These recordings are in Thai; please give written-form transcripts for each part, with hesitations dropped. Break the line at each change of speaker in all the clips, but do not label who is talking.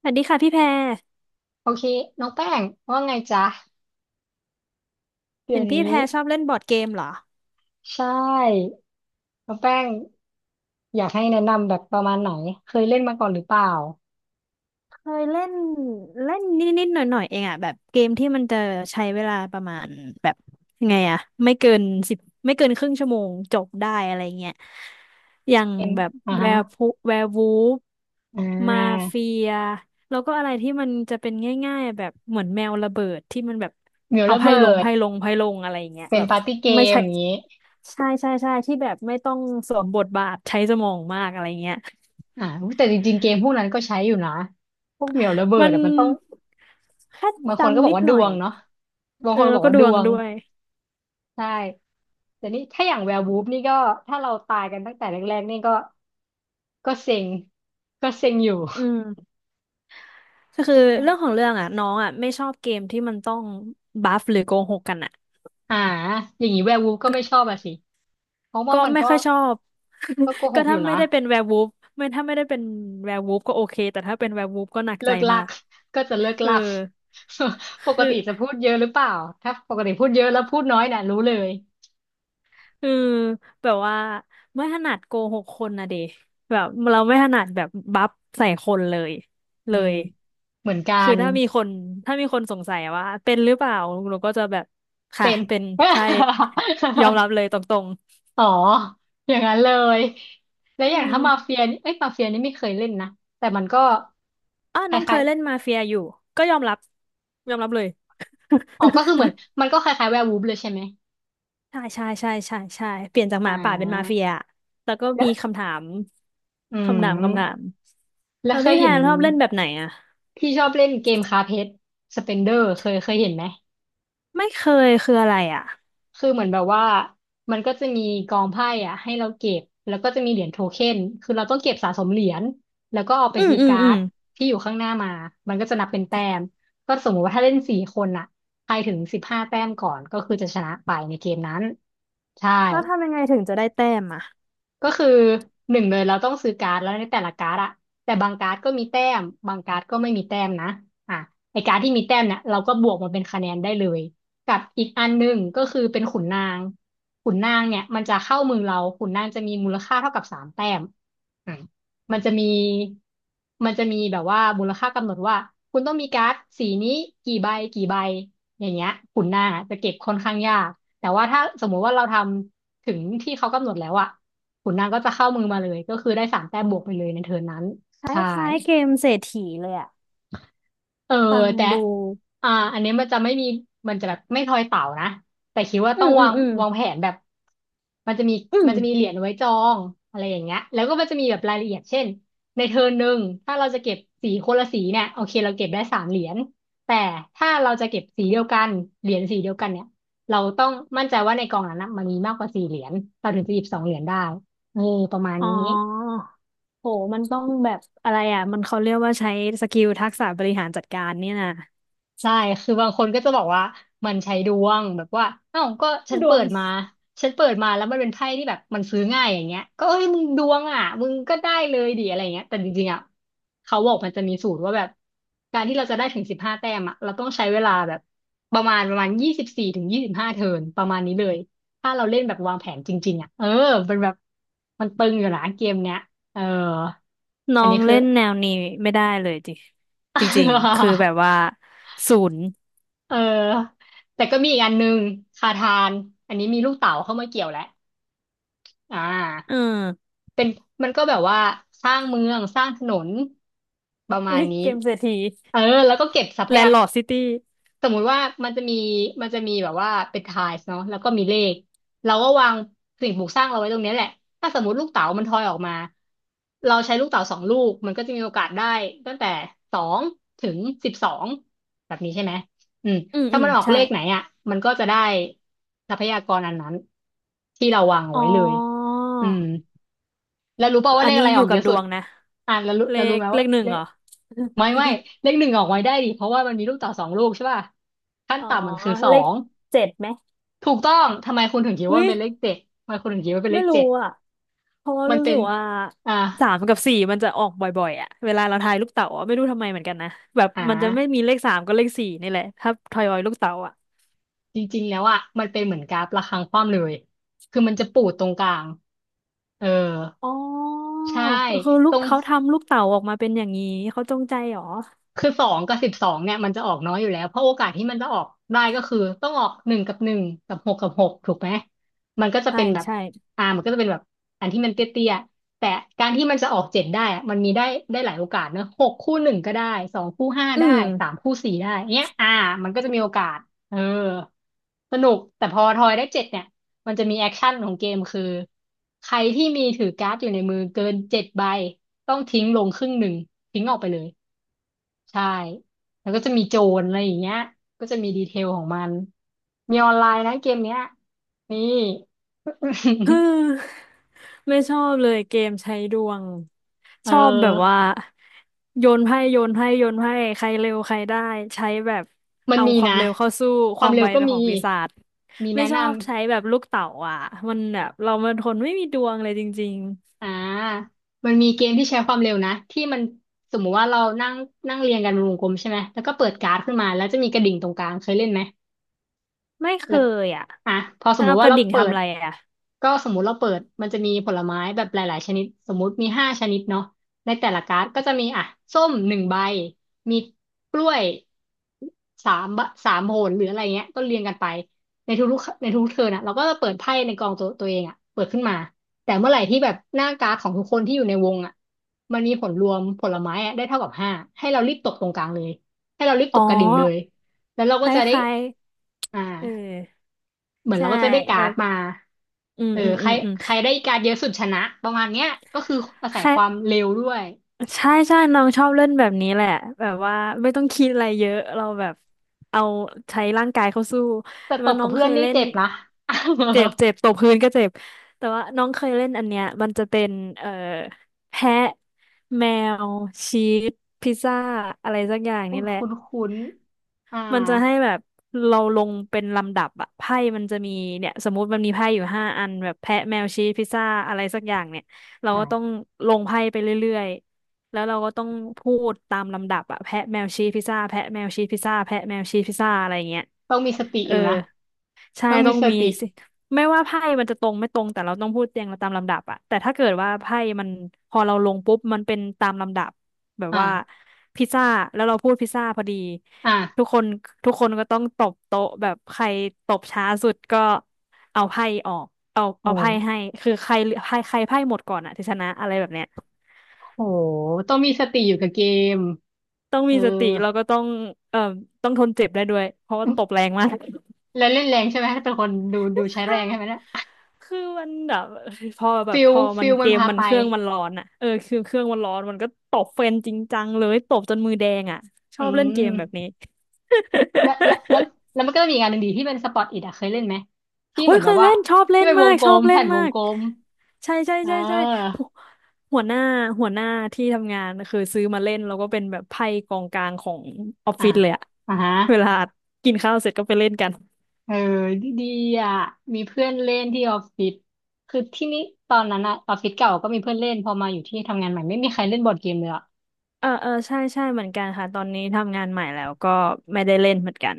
สวัสดีค่ะพี่แพร
โอเคน้องแป้งว่าไงจ๊ะเดี๋
เห็
ยว
นพี่
นี้
แพรชอบเล่นบอร์ดเกมเหรอ
ใช่น้องแป้งอยากให้แนะนำแบบประมาณไหนเคยเล่นมาก่อนหรือเปล่า
เคยเล่นเล่นนิดๆหน่อยๆเองอ่ะแบบเกมที่มันจะใช้เวลาประมาณแบบยังไงอ่ะไม่เกิน10ไม่เกินครึ่งชั่วโมงจบได้อะไรเงี้ยอย่าง
เป็น
แบบ
อ่า
แว
ฮะ
ร์พูแวร์วูฟ
อ่
มา
า
เฟียแล้วก็อะไรที่มันจะเป็นง่ายๆแบบเหมือนแมวระเบิดที่มันแบบ
เหมียว
เอา
ระ
ไพ่
เบิ
ลง
ด
ไพ่ลงไพ่ลงอะไรเงี้ย
เป็น
แบบ
ปาร์ตี้เก
ไม่
ม
ใช่
อย่างนี้
ใช่ใช่ใช่ที่แบบไม่ต้องสวมบทบาทใช้สมองมากอะไรเงี้ย
อุ๊ยแต่จริงๆเกมพวกนั้นก็ใช้อยู่นะพวกเหมียวระเบิ
มั
ด
น
อ่ะมันต้อง
แค่
บางคนก็บ
จำ
อก
นิด
ว่าด
หน่อ
ว
ย
งเนาะบาง
เอ
ค
อ
นบ
แล้ว
อก
ก็
ว่า
ด
ด
วง
วง
ด้วย
ใช่แต่นี่ถ้าอย่างแวร์วูฟนี่ก็ถ้าเราตายกันตั้งแต่แรกๆนี่ก็ก็เซ็งก็เซ็งอยู่
อืมก็คือเรื่องของเรื่องอ่ะน้องอ่ะไม่ชอบเกมที่มันต้องบัฟหรือโกหกกันอ่ะ
อ่าอย่างนี้แวร์วูฟก็ไม่ชอบอะสิเพราะว่า
ก็
มัน
ไม่
ก็
ค่อยชอบ
โก ห
ก็
กอ
ถ้า
ยู่
ไม่
นะ
ได้เป็นแวร์วูฟไม่ถ้าไม่ได้เป็นแวร์วูฟก็โอเคแต่ถ้าเป็นแวร์วูฟก็หนักใจ
เลิก
มา
ลัก
ก
ก็จะเลิก
เออ
ลัก ปก
คือ
ติจะพูดเยอะหรือเปล่าถ้าปกติพูดเยอะแล้วพูดน้อยน่ะรู้เลย
เออแบบว่าไม่ถนัดโกหกคนนะเดแบบเราไม่ถนัดแบบบัฟใส่คนเลย
อื
เล
ม
ย
เหมือนกั
คือ
น
ถ้ามีคนสงสัยว่าเป็นหรือเปล่าหนูก็จะแบบค่ะ
เป็น
เป็นใช่ยอมรั บเลยตรง
อ๋ออย่างนั้นเลยแล้ว
ๆอื
อย่าง
ม
ถ้ามาเฟียนี่เอ้ยมาเฟียนี่ไม่เคยเล่นนะแต่มันก็
อ้าว
ค
น้องเค
ล้าย
ยเล่นมาเฟียอยู่ก็ยอมรับยอมรับเลย
ๆอ๋อก็คือเหมือน มันก็คล้ายๆแวร์วูฟเลยใช่ไหม
ใช่ใช่ใช่ใช่ใช่เปลี่ยนจากห
อ่
มาป่าเป็นมาเฟี
า
ยแล้วก็
แล้
มี
ว
คำถาม
อื
คำ
ม
ถามคำถาม
แล้ว
แล้ว
เคย
พี่แพ
เห็น
นชอบเล่นแบบไหนอ่ะ
ที่ชอบเล่นเกมคาเพชรสเปนเดอร์เคยเห็นไหม
ไม่เคยคืออะไรอ่ะ
คือเหมือนแบบว่ามันก็จะมีกองไพ่อ่ะให้เราเก็บแล้วก็จะมีเหรียญโทเค็นคือเราต้องเก็บสะสมเหรียญแล้วก็เอาไป
อืม
คือ
อืม
กา
อื
ร์
ม
ดที่อยู่ข้างหน้ามามันก็จะนับเป็นแต้มก็สมมติว่าถ้าเล่นสี่คนอ่ะใครถึงสิบห้าแต้มก่อนก็คือจะชนะไปในเกมนั้นใช่
แล้วทำยังไงถึงจะได้แต้มอ่ะ
ก็คือหนึ่งเลยเราต้องซื้อการ์ดแล้วในแต่ละการ์ดอะแต่บางการ์ดก็มีแต้มบางการ์ดก็ไม่มีแต้มนะอ่ะไอการ์ดที่มีแต้มเนี่ยเราก็บวกมาเป็นคะแนนได้เลยกับอีกอันหนึ่งก็คือเป็นขุนนางขุนนางเนี่ยมันจะเข้ามือเราขุนนางจะมีมูลค่าเท่ากับสามแต้มอ่ะมันจะมีแบบว่ามูลค่ากำหนดว่าคุณต้องมีการ์ดสีนี้กี่ใบกี่ใบอย่างเงี้ยขุนนางอะจะเก็บค่อนข้างยากแต่ว่าถ้าสมมุติว่าเราทำถึงที่เขากำหนดแล้วอะ ขุนนางก็จะเข้ามือมาเลยก็คือได้สามแต้มบวกไปเลยในเทิร์นนั้น
ค
ใช่
ล้ายๆเกมเศรษฐีเลยอ่ะ
เออ
ฟัง
แต่
ดู
อันนี้มันจะไม่มีมันจะแบบไม่ทอยเต่านะแต่คิดว่า
อื
ต้อง
มอื
วา
ม
ง
อืม
วางแผนแบบมันจะมี
อืม
เหรียญไว้จองอะไรอย่างเงี้ยแล้วก็มันจะมีแบบรายละเอียดเช่นในเทิร์นหนึ่งถ้าเราจะเก็บสีคนละสีเนี่ยโอเคเราเก็บได้สามเหรียญแต่ถ้าเราจะเก็บสีเดียวกันเหรียญสีเดียวกันเนี่ยเราต้องมั่นใจว่าในกองนั้นนะมันมีมากกว่าสี่เหรียญเราถึงจะหยิบสองเหรียญได้เออประมาณ
อ๋อ
นี้
โห มันต้องแบบอะไรอ่ะ มันเขาเรียกว่าใช้สกิลทักษะบริหารจัดการเนี่ยนะ
ได้คือบางคนก็จะบอกว่ามันใช้ดวงแบบว่าเอ้าก็ฉัน
ดว
เปิ
ง
ดมาฉันเปิดมาแล้วมันเป็นไพ่ที่แบบมันซื้อง่ายอย่างเงี้ยก็เอ้ยมึงดวงอ่ะมึงก็ได้เลยดิอะไรเงี้ยแต่จริงๆอ่ะเขาบอกมันจะมีสูตรว่าแบบการที่เราจะได้ถึงสิบห้าแต้มอ่ะเราต้องใช้เวลาแบบประมาณ24 ถึง 25เทิร์นประมาณนี้เลยถ้าเราเล่นแบบวางแผนจริงๆอ่ะเออเป็นแบบมันตึงอยู่นะเกมเนี้ยเออ
น้
อั
อ
น
ง
นี้คื
เล่
อ
นแนวนี้ไม่ได้เลยจริงจริงๆคือแบบว่าศูนย์
เออแต่ก็มีอีกอันนึงคาทานอันนี้มีลูกเต๋าเข้ามาเกี่ยวแล้วอ่
เอ
า
อ
เป็นมันก็แบบว่าสร้างเมืองสร้างถนนประมา
อุ้
ณ
ย
นี้
เกมเศรษฐี
เออแล้วก็เก็บทรัพ
แล
ยา
น
ก
ด์ลอร์ดซิตี้
สมมุติว่ามันจะมีแบบว่าเป็นไทล์เนาะแล้วก็มีเลขเราก็วางสิ่งปลูกสร้างเราไว้ตรงเนี้ยแหละถ้าสมมติลูกเต๋ามันทอยออกมาเราใช้ลูกเต๋าสองลูกมันก็จะมีโอกาสได้ตั้งแต่2 ถึง 12แบบนี้ใช่ไหมอืม
อืม
ถ้า
อื
มั
ม
นออกเล
ใช่
ขไหนอ่ะมันก็จะได้ทรัพยากรอันนั้นที่เราวางเอา
อ๋อ
ไว้เลยอืมแล้วรู้ป่าวว่า
อั
เล
น
ข
นี้
อะไร
อ
อ
ยู่
อกเย
กับ
อะ
ด
สุด
วงนะ เล
แล้วรู้
ข
ไหม
เล
ว่า
ขหนึ่ง
เล
เห
ข
รอ
ไม่ไม่เลขหนึ่งออกไว้ได้ดิเพราะว่ามันมีลูกเต่อสองลูกใช่ป่ะขั้ น
อ๋อ
ต่ำมันคือสอ
เลข
ง
7ไหม
ถูกต้องทำไมคุณถึงคิด
เฮ้
ว่ามั
ย
นเป็นเลขเจ็ดทำไมคุณถึงคิดว่าเป็นเล
ไม่
ข
รู้
เจ็ด
อ่ะ เพราะว่า
มัน
รู้
เป็
สึ
น
กว่า
อ่า
สามกับสี่มันจะออกบ่อยๆอ่ะเวลาเราทายลูกเต๋าอะไม่รู้ทำไมเหมือนกันนะแบบ
อ่
มันจะไม่มี
า
เลขสามก็เลขสี่นี่แหละถ้าทอยอยลูกเต๋าอ่ะ
จริงๆแล้วอ่ะมันเป็นเหมือนกราฟระฆังคว่ำเลยคือมันจะปูดตรงกลางเออ
อ๋อ
ใช่
คือลู
ต
ก
รง
เขาทำลูกเต๋าออกมาเป็นอย่างนี้เขาจงใจเหรอ
คือสองกับสิบสองเนี่ยมันจะออกน้อยอยู่แล้วเพราะโอกาสที่มันจะออกได้ก็คือต้องออกหนึ่งกับหนึ่งกับหกกับหกถูกไหมมันก็จะ
ใช่
เป็นแบบ
ใช่
มันก็จะเป็นแบบอันที่มันเตี้ยๆแต่การที่มันจะออกเจ็ดได้อะมันมีได้หลายโอกาสเนอะหกคู่หนึ่งก็ได้สองคู่ห้า
อื
ได้
ม
สามคู่สี่ได้เนี้ยมันก็จะมีโอกาสเออสนุกแต่พอทอยได้เจ็ดเนี่ยมันจะมีแอคชั่นของเกมคือใครที่มีถือการ์ดอยู่ในมือเกินเจ็ดใบต้องทิ้งลงครึ่งหนึ่งทิ้งออกไปเลย ใช่ แล้วก็จะมีโจรอะไรอย่างเงี้ยก็จะมีดีเทลของมันมีออนไลน์นะเกมเนี้ยนี่
ฮืม ไม่ชอบเลยเกมใช้ดวง
เ
ชอบแบบว่า
ออ
โยนไพ่โยนไพ่โยนไพ่ใครเร็วใครได้ใช้แบบ
มัน
เอา
มี
ความ
นะ
เร็วเข้าสู้
ค
ค
วา
วา
ม
ม
เร็
ไว
วก็
เป็นข
มี
องปีศาจ
มี
ไม่
แนะ
ชอ
นำ
บใช้แบบลูกเต๋าอ่ะมันแบบเรามันคนไม่มีดวงเลยจริง
อ่ามันมีเกมที่ใช้ความเร็วนะที่มันสมมุติว่าเรานั่งนั่งเรียงกันเป็นวงกลมใช่ไหมแล้วก็เปิดการ์ดขึ้นมา แล้วจะมีกระดิ่งตรงกลางเคยเล่นไหม
ๆไม่เค
แล้ว
ยอ่ะ
อ่ะพอส
ถ้า
มมุ
เอา
ติ
ก
ว่า
ระ
เรา
ดิ่ง
เปิ
ทำอะ
ด
ไรอ่ะ
ก็สมมุติเราเปิดมันจะมีผลไม้แบบหลายๆชนิดสมมุติมีห้าชนิดเนาะในแต่ละการ์ดก็จะมีอ่ะส้มหนึ่งใบมีกล้วยสามบะสามโหนหรืออะไรเงี้ยก็เรียงกันไปในทุกเทิร์นอ่ะเราก็จะเปิดไพ่ในกองตัวเองอ่ะเปิดขึ้นมาแต่เมื่อไหร่ที่แบบหน้าการ์ดของทุกคนที่อยู่ในวงอ่ะมันมีผลรวมผลไม้อะได้เท่ากับห้าให้เรารีบตกตรงกลางเลยให้เรารีบ
อ๋
ต
อ
กกระดิ่งเลยแล้วเรา
ค
ก็จะได้
ล้าย
อ่า
ๆเออ
เหมือน
ใช่
เราก็จะได้กา
แล้
ร์
ว
ดมา
อืม
เออ
อืม
ใค
อื
ร
มอืม
ใครได้การ์ดเยอะสุดชนะ ประมาณเนี้ยก็คืออาศั
ค
ย
ล้า
ค
ย
วามเร็วด้วย
ใช่ใช่น้องชอบเล่นแบบนี้แหละแบบว่าไม่ต้องคิดอะไรเยอะ เราแบบเอาใช้ร่างกายเข้าสู้
แต่
แต่
ต
ว่า
บ
น้
กั
อ
บ
ง
เพื่
เค
อน
ย
นี่
เล่น
เจ็บนะ
เจ็บเจ็บตบพื้นก็เจ็บ แต่ว่าน้องเคยเล่นอันเนี้ยมันจะเป็นเอ่อแพะแมวชีสพิซซ่าอะไรสักอย่าง
คุ้
นี่
น
แหละ
คุ้นคุ้นอ่า
มันจะให้แบบเราลงเป็นลำดับอะไพ่มันจะมีเนี่ยสมมุติมันมีไพ่อยู่5 อันแบบแพะแมวชีสพิซซ่าอะไรสักอย่างเนี่ยเราก็ต้อง
อ่า
ลงไพ่ไปเรื่อยๆแล้วเราก็ต้องพูดตามลำดับอะแพะแมวชีสพิซซ่าแพะแมวชีสพิซซ่าแพะแมวชีสพิซซ่าอะไรเงี้ย
ต้องมีสติ
เอ
อ
อ
ยู่นะ
ใช่
ต้อง
ต้
มี
อง
ส
มี
ติ
สิไม่ว่าไพ่มันจะตรงไม่ตรงแต่เราต้องพูดเรียงตามลำดับอะแต่ถ้าเกิดว่าไพ่มันพอเราลงปุ๊บมันเป็นตามลำดับแบบว่า
อ่า
พิซซ่าแล้วเราพูดพิซซ่าพอดี ทุก
อ่า
คนทุกคนก็ต้องตบโต๊ะแบบใครตบช้าสุดก็เอาไพ่ออกเอา
โอ้
เอาไพ่ให้คือใครใครใครไพ่หมดก่อนอะที่ชนะอะไรแบบเนี้ย
โห ต้องมีสติอยู่กับเกม
ต้อง
เอ
มี
อ
สติแล้วก็ต้องเอ่อต้องทนเจ็บได้ด้วยเพราะว่าตบแรงมาก
แล้วเล่นแรงใช่ไหม ถ้าเป็นคนดูดูใช้แรงใช่ไห มเนะ
คือมันแบบพอแบบ
ฟิ
พ
ล
อมั
ฟิ
น
ล
เก
มัน
ม
พา
มัน
ไป
เครื่องมันร้อนอะเออคือเครื่องมันร้อนมันก็ตบเฟนจริงจังเลยตบจนมือแดงอะช
อื
อบเล่นเกมแบบนี้
ม แล้วแล้วแล้ว แล้วมันก็จะมีอีกงานหนึ่งดีที่เป็นสปอตอิทอะเคยเล่นไหมที่
โอ้
เหมือ
ย
นแบ
เค
บ
ย
ว่า
เล่นชอบเล่
ที่
น
เป็นว
มา
ง
ก
กล
ชอ
ม
บเล่
แผ่
น
นว
มา
ง
ก
กลม
ใช่ใช่
เ
ใช่ใช่
ออ
หัวหัวหน้าหัวหน้าที่ทำงานคือซื้อมาเล่นแล้วก็เป็นแบบไพ่กองกลางของออฟ
อ่ะ
ฟิศเลยอะ
อ่ะฮะ
เวลากินข้าวเสร็จก็ไปเล่นกัน
เออดีดีอ่ะมีเพื่อนเล่นที่ออฟฟิศคือที่นี่ตอนนั้นอะออฟฟิศเก่าก็มีเพื่อนเล่นพอมาอยู่ที่ทำงานใหม่ไม่มีใครเล่นบอร์ดเกมเลยอะ
เออเออใช่ใช่เหมือนกันค่ะตอนนี้ทำงานใหม่แล้วก็ไม่ได้เล่นเหมือนกัน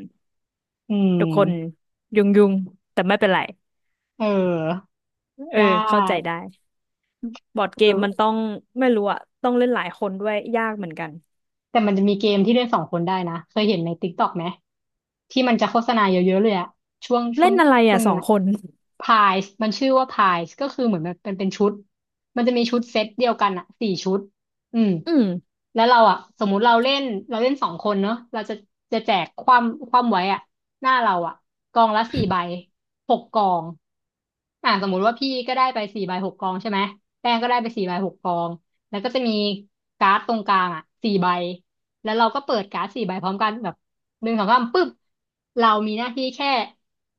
อื
ทุกคน
ม
ยุ่งยุ่งแต่ไม่เป็นไร
เออ
เออ
ได
เข้าใจ
้
ได้บอร์ดเก
เออ
มมันต้องไม่รู้อะต้องเล่นหลายคนด้วยยากเหมือนกัน
แต่มันจะมีเกมที่เล่นสองคนได้นะ เคยเห็นในติกต็อกไหมที่มันจะโฆษณาเยอะๆเลยอะช่วงช่
เล่
วง
นอะไร
ช่ว
อะ
ง
สอ
เนี้
ง
ย
คน
พายส์มันชื่อว่าพายส์ก็คือเหมือนแบบเป็นชุดมันจะมีชุดเซตเดียวกันอะสี่ชุดอืม
อืม
แล้วเราอะสมมุติเราเล่นเราเล่นสองคนเนาะเราจะแจกความไว้อะหน้าเราอะกองละสี่ใบหกกองสมมุติว่าพี่ก็ได้ไปสี่ใบหกกองใช่ไหมแป้งก็ได้ไปสี่ใบหกกอง แล้วก็จะมีการ์ดตรงกลางอ่ะสี่ใบแล้วเราก็เปิดการ์ดสี่ใบพร้อมกันแบบหนึ่งสองสามปุ๊บเรามีหน้าที่แค่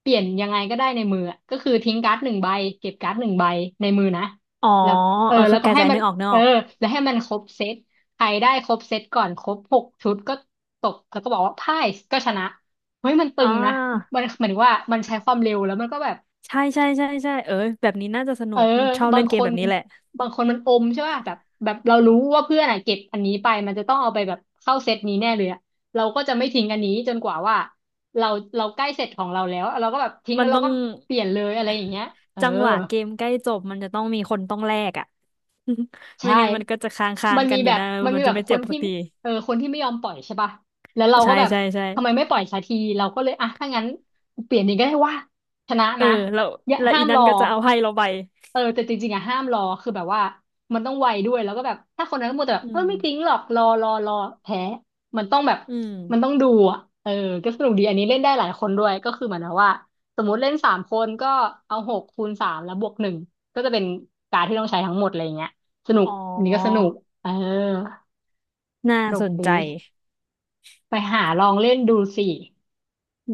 เปลี่ยนยังไงก็ได้ในมืออะก็คือทิ้งการ์ดหนึ่งใบเก็บการ์ดหนึ่งใบในมือนะ
อ๋อ
แล้วเออ
เออ
แล้
คื
ว
อก
ก็
ระ
ให้
จาย
มั
นึ
น
กออกนึก
เอ
อ
อ
อก
แล้วให้มันครบเซตใครได้ครบเซตก่อนครบหกชุดก็ตกแล้วก็บอกว่าพ่ายก็ชนะเฮ้ยมันตึ
อ่
งนะ
า
มันเหมือนว่ามันใช้ความเร็วแล้วมันก็แบบ
ใช่ใช่ใช่ใช่เออแบบนี้น่าจะส
เอ
นุ
อ
กชอบ
บา
เล่
ง
นเก
ค
มแบ
น
บนี้แหละ
บางคนมันอมใช่ป่ะแบบแบบเรารู้ว่าเพื่อนอ่ะเก็บอันนี้ไปมันจะต้องเอาไปแบบเข้าเซตนี้แน่เลยอะเราก็จะไม่ทิ้งอันนี้จนกว่าว่าเราเราใกล้เสร็จของเราแล้วเราก็แบบทิ้ง
มั
แล้
น
วเรา
ต้อง
ก็เปลี่ยนเลยอะไรอย่างเงี้ยเออ
จังหวะเกมใกล้จบมันจะต้องมีคนต้องแลกอ่ะไม่
ใช่
งั้นมันก็จะค้างค้า
มั
ง
น
กั
มี
นอ
แบ
ยู่
บ
นะ
มัน
มั
มี
น
แบ
จะ
บ
ไม่
ค
เจ็
น
บสั
ที่
กที
เออคนที่ไม่ยอมปล่อยใช่ป่ะแล้วเราก็
ใช่
แบบ
ใช่ใช่
ทำไมไม่ปล่อยสักทีเราก็เลยอ่ะถ้างั้นเปลี่ยนอย่างก็ได้ว่าชนะ
เออ
นะ
แล้ว
อย่า
แล้ว
ห้า
อี
มร
นั่
อ
นก็จะเอาให้เราไป
เออแต่จริงๆอะห้ามรอคือแบบว่ามันต้องไวด้วยแล้วก็แบบถ้าคนนั้นก็มัวแต่แบบ
อื
เออ
ม
ไม่จริงหรอกรอรอรอแพ้มันต้องแบบ
อืม
มันต้องดูเออก็สนุกดีอันนี้เล่นได้หลายคนด้วยก็คือเหมือนกับว่าสมมติเล่นสามคนก็เอาหกคูณสามแล้วบวกหนึ่งก็จะเป็นการดที่ต้องใช้ทั้งหมดอะไรอย่างเงี้ย สนุก
อ๋อ
อันนี้ก็สนุกเออ
น่า
สนุ
ส
ก
นใจ
ดีไปหาลองเล่นดูสิ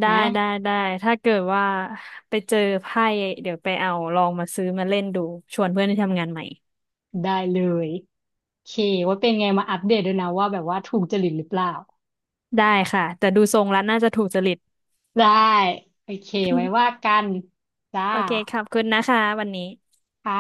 ได้ได้
นะ
ได้ถ้าเกิดว่าไปเจอไพ่เดี๋ยวไปเอาลองมาซื้อมาเล่นดูชวนเพื่อนที่ทำงานใหม่
ได้เลยโอเคว่าเป็นไงมาอัปเดตด้วยนะว่าแบบว่าถูกจริตหรือเปล่า
ได้ค่ะแต่ดูทรงแล้วน่าจะถูกจริต
ได้โอเคไว้ว่า กันจ้า
โอเคขอบคุณนะคะวันนี้
ค่ะ